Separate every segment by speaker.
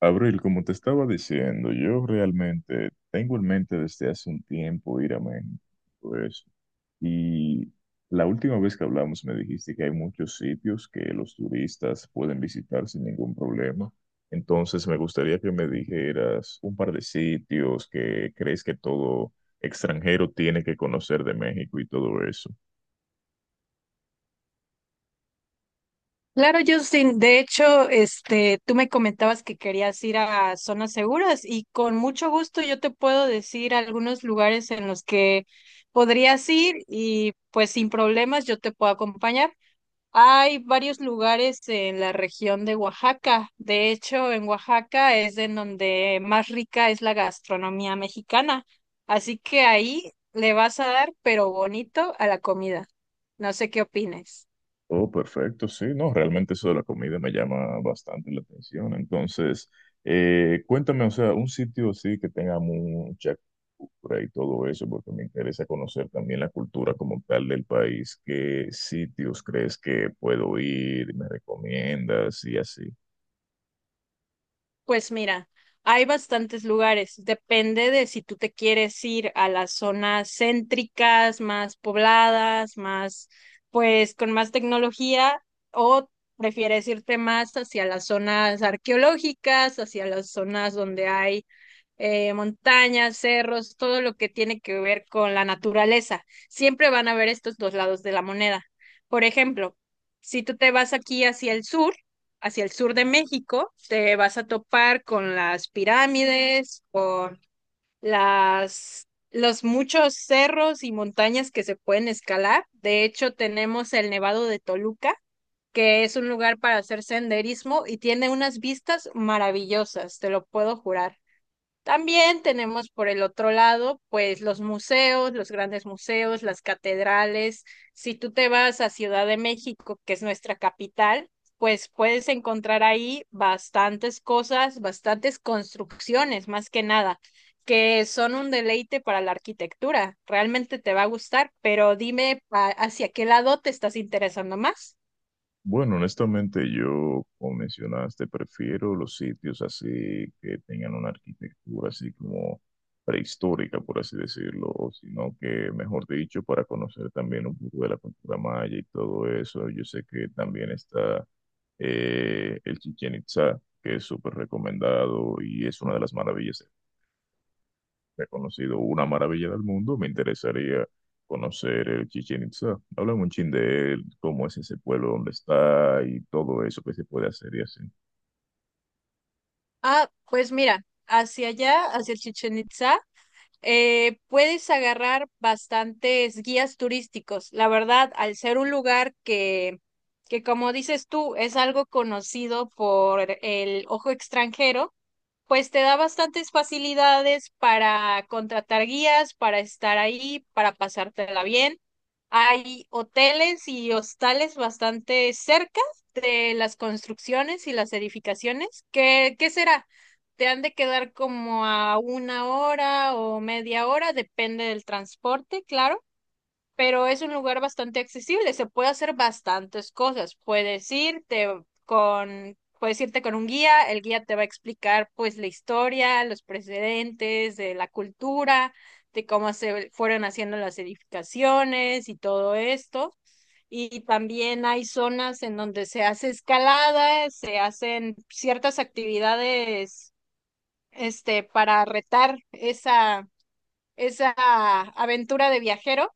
Speaker 1: Abril, como te estaba diciendo, yo realmente tengo en mente desde hace un tiempo ir a México, pues, y la última vez que hablamos me dijiste que hay muchos sitios que los turistas pueden visitar sin ningún problema. Entonces me gustaría que me dijeras un par de sitios que crees que todo extranjero tiene que conocer de México y todo eso.
Speaker 2: Claro, Justin. De hecho, tú me comentabas que querías ir a zonas seguras y con mucho gusto yo te puedo decir algunos lugares en los que podrías ir y pues sin problemas yo te puedo acompañar. Hay varios lugares en la región de Oaxaca. De hecho, en Oaxaca es en donde más rica es la gastronomía mexicana. Así que ahí le vas a dar, pero bonito, a la comida. No sé qué opines.
Speaker 1: Oh, perfecto, sí, no, realmente eso de la comida me llama bastante la atención. Entonces, cuéntame, o sea, un sitio así que tenga mucha cultura y todo eso, porque me interesa conocer también la cultura como tal del país. ¿Qué sitios crees que puedo ir? ¿Me recomiendas? Y así.
Speaker 2: Pues mira, hay bastantes lugares. Depende de si tú te quieres ir a las zonas céntricas, más pobladas, más, pues con más tecnología, o prefieres irte más hacia las zonas arqueológicas, hacia las zonas donde hay montañas, cerros, todo lo que tiene que ver con la naturaleza. Siempre van a haber estos dos lados de la moneda. Por ejemplo, si tú te vas aquí hacia el sur de México, te vas a topar con las pirámides, con las los muchos cerros y montañas que se pueden escalar. De hecho, tenemos el Nevado de Toluca, que es un lugar para hacer senderismo y tiene unas vistas maravillosas, te lo puedo jurar. También tenemos por el otro lado, pues los museos, los grandes museos, las catedrales. Si tú te vas a Ciudad de México, que es nuestra capital, pues puedes encontrar ahí bastantes cosas, bastantes construcciones, más que nada, que son un deleite para la arquitectura. Realmente te va a gustar, pero dime hacia qué lado te estás interesando más.
Speaker 1: Bueno, honestamente yo, como mencionaste, prefiero los sitios así que tengan una arquitectura así como prehistórica, por así decirlo, o sino que, mejor dicho, para conocer también un poco de la cultura maya y todo eso. Yo sé que también está el Chichén Itzá, que es súper recomendado y es una de las maravillas. He conocido una maravilla del mundo, me interesaría conocer el Chichén Itzá. Háblame un chin de él, cómo es ese pueblo, dónde está y todo eso que se puede hacer y así.
Speaker 2: Ah, pues mira, hacia allá, hacia Chichen Itza puedes agarrar bastantes guías turísticos. La verdad, al ser un lugar que como dices tú, es algo conocido por el ojo extranjero, pues te da bastantes facilidades para contratar guías, para estar ahí, para pasártela bien. Hay hoteles y hostales bastante cerca de las construcciones y las edificaciones. ¿ qué será? Te han de quedar como a una hora o media hora, depende del transporte, claro, pero es un lugar bastante accesible, se puede hacer bastantes cosas. Puedes irte puedes irte con un guía, el guía te va a explicar pues la historia, los precedentes de la cultura, de cómo se fueron haciendo las edificaciones y todo esto. Y también hay zonas en donde se hace escalada, se hacen ciertas actividades para retar esa esa aventura de viajero,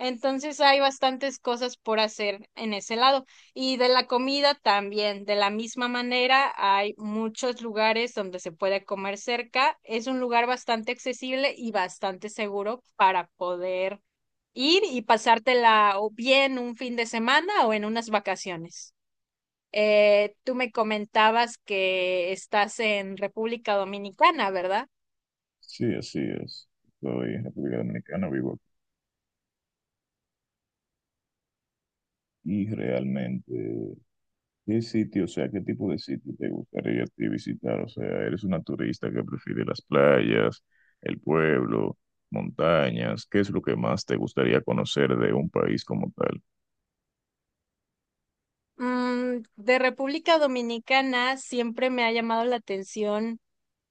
Speaker 2: entonces hay bastantes cosas por hacer en ese lado. Y de la comida también, de la misma manera, hay muchos lugares donde se puede comer cerca. Es un lugar bastante accesible y bastante seguro para poder ir y pasártela o bien un fin de semana o en unas vacaciones. Tú me comentabas que estás en República Dominicana, ¿verdad?
Speaker 1: Sí, así es. Soy en República Dominicana, vivo aquí. Y realmente, ¿qué sitio, o sea, qué tipo de sitio te gustaría a ti visitar? O sea, ¿eres una turista que prefiere las playas, el pueblo, montañas? ¿Qué es lo que más te gustaría conocer de un país como tal?
Speaker 2: Mm, de República Dominicana siempre me ha llamado la atención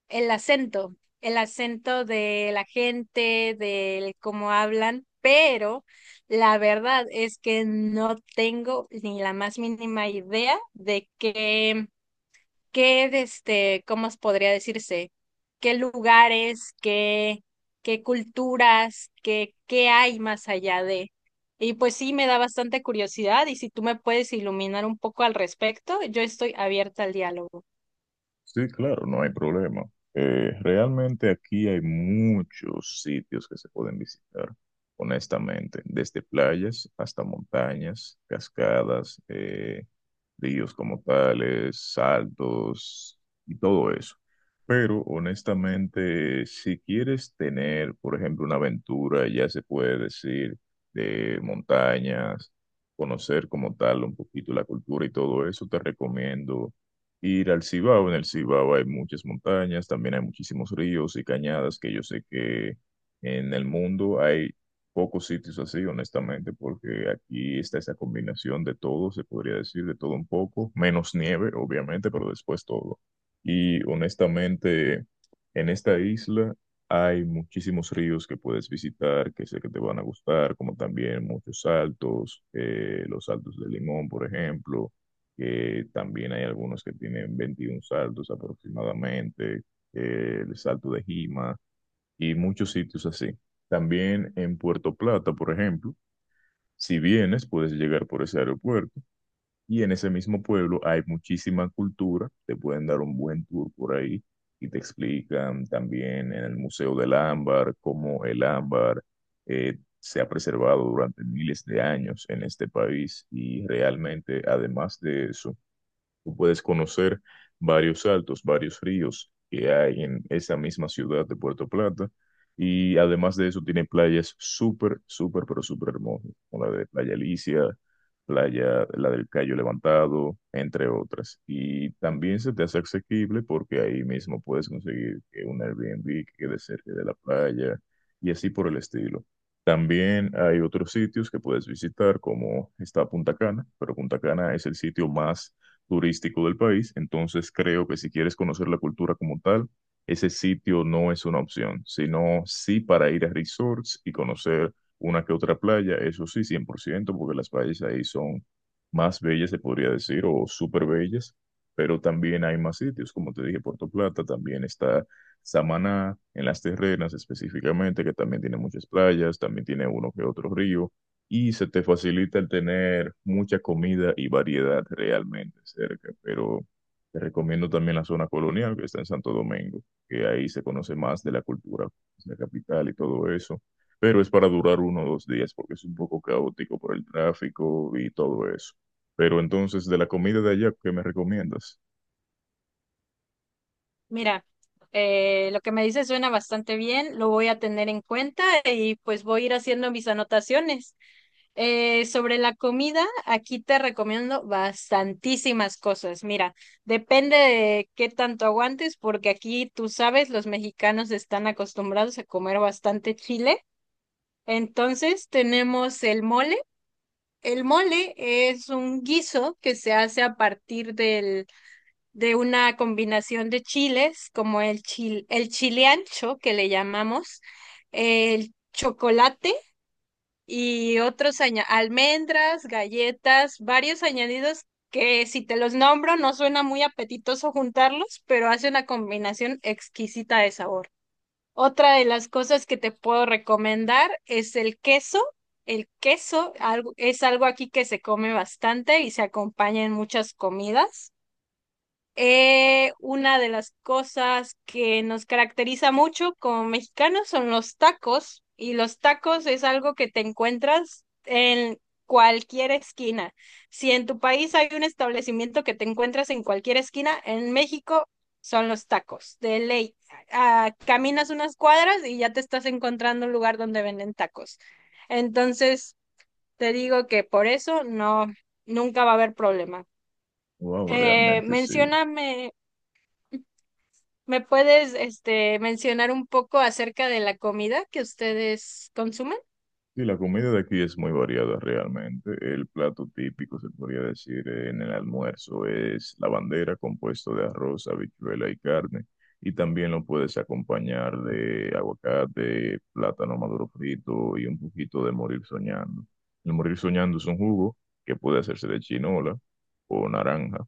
Speaker 2: el acento, el acento de la gente, del cómo hablan, pero la verdad es que no tengo ni la más mínima idea de cómo os podría decirse, qué lugares, qué, qué culturas, qué hay más allá de. Y pues sí, me da bastante curiosidad y si tú me puedes iluminar un poco al respecto, yo estoy abierta al diálogo.
Speaker 1: Sí, claro, no hay problema. Realmente aquí hay muchos sitios que se pueden visitar, honestamente, desde playas hasta montañas, cascadas, ríos como tales, saltos y todo eso. Pero honestamente, si quieres tener, por ejemplo, una aventura, ya se puede decir, de montañas, conocer como tal un poquito la cultura y todo eso, te recomiendo ir al Cibao. En el Cibao hay muchas montañas, también hay muchísimos ríos y cañadas que yo sé que en el mundo hay pocos sitios así, honestamente, porque aquí está esa combinación de todo, se podría decir, de todo un poco, menos nieve, obviamente, pero después todo. Y honestamente, en esta isla hay muchísimos ríos que puedes visitar, que sé que te van a gustar, como también muchos saltos, los saltos de Limón, por ejemplo, que también hay algunos que tienen 21 saltos aproximadamente, el salto de Jima y muchos sitios así. También en Puerto Plata, por ejemplo, si vienes, puedes llegar por ese aeropuerto y en ese mismo pueblo hay muchísima cultura, te pueden dar un buen tour por ahí y te explican también en el Museo del Ámbar cómo el ámbar se ha preservado durante miles de años en este país y realmente, además de eso, tú puedes conocer varios saltos, varios ríos que hay en esa misma ciudad de Puerto Plata. Y además de eso, tiene playas súper, súper, pero súper hermosas, como la de Playa Alicia, playa, la del Cayo Levantado, entre otras. Y también se te hace asequible porque ahí mismo puedes conseguir que un Airbnb que quede cerca de la playa y así por el estilo. También hay otros sitios que puedes visitar, como está Punta Cana, pero Punta Cana es el sitio más turístico del país, entonces creo que si quieres conocer la cultura como tal, ese sitio no es una opción, sino sí para ir a resorts y conocer una que otra playa, eso sí, 100 por ciento, porque las playas ahí son más bellas, se podría decir, o súper bellas, pero también hay más sitios, como te dije, Puerto Plata, también está Samaná, en las Terrenas específicamente, que también tiene muchas playas, también tiene uno que otro río, y se te facilita el tener mucha comida y variedad realmente cerca, pero te recomiendo también la zona colonial que está en Santo Domingo, que ahí se conoce más de la cultura, pues, la capital y todo eso, pero es para durar uno o dos días porque es un poco caótico por el tráfico y todo eso. Pero entonces, de la comida de allá, ¿qué me recomiendas?
Speaker 2: Mira, lo que me dices suena bastante bien, lo voy a tener en cuenta y pues voy a ir haciendo mis anotaciones. Sobre la comida, aquí te recomiendo bastantísimas cosas. Mira, depende de qué tanto aguantes, porque aquí tú sabes, los mexicanos están acostumbrados a comer bastante chile. Entonces tenemos el mole. El mole es un guiso que se hace a partir de una combinación de chiles, como el chile ancho que le llamamos, el chocolate y otros almendras, galletas, varios añadidos que si te los nombro no suena muy apetitoso juntarlos, pero hace una combinación exquisita de sabor. Otra de las cosas que te puedo recomendar es el queso. Es algo aquí que se come bastante y se acompaña en muchas comidas. Una de las cosas que nos caracteriza mucho como mexicanos son los tacos, y los tacos es algo que te encuentras en cualquier esquina. Si en tu país hay un establecimiento que te encuentras en cualquier esquina, en México son los tacos, de ley. Ah, caminas unas cuadras y ya te estás encontrando un lugar donde venden tacos. Entonces, te digo que por eso nunca va a haber problema.
Speaker 1: Wow, realmente sí.
Speaker 2: Mencióname. ¿Me puedes, mencionar un poco acerca de la comida que ustedes consumen?
Speaker 1: Sí, la comida de aquí es muy variada realmente. El plato típico, se podría decir, en el almuerzo es la bandera compuesto de arroz, habichuela y carne. Y también lo puedes acompañar de aguacate, plátano maduro frito y un poquito de morir soñando. El morir soñando es un jugo que puede hacerse de chinola o naranja.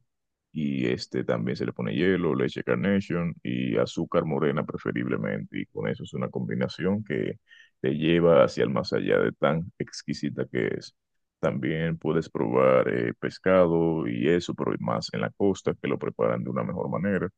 Speaker 1: Y este también se le pone hielo, leche Carnation y azúcar morena preferiblemente. Y con eso es una combinación que te lleva hacia el más allá de tan exquisita que es. También puedes probar pescado y eso, pero más en la costa, que lo preparan de una mejor manera.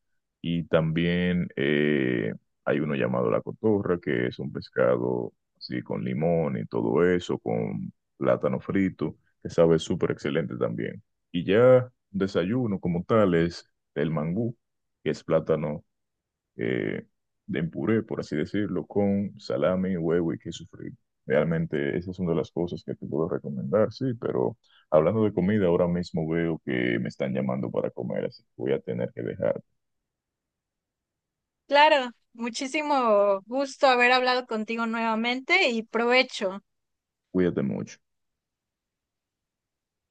Speaker 1: Y también hay uno llamado la cotorra, que es un pescado así con limón y todo eso, con plátano frito, que sabe súper excelente también. Y ya desayuno como tal es el mangú, que es plátano eh, en puré, por así decirlo, con salami, huevo y queso frito. Realmente esas son de las cosas que te puedo recomendar, sí, pero hablando de comida, ahora mismo veo que me están llamando para comer, así que voy a tener que dejar.
Speaker 2: Claro, muchísimo gusto haber hablado contigo nuevamente y provecho.
Speaker 1: Cuídate mucho.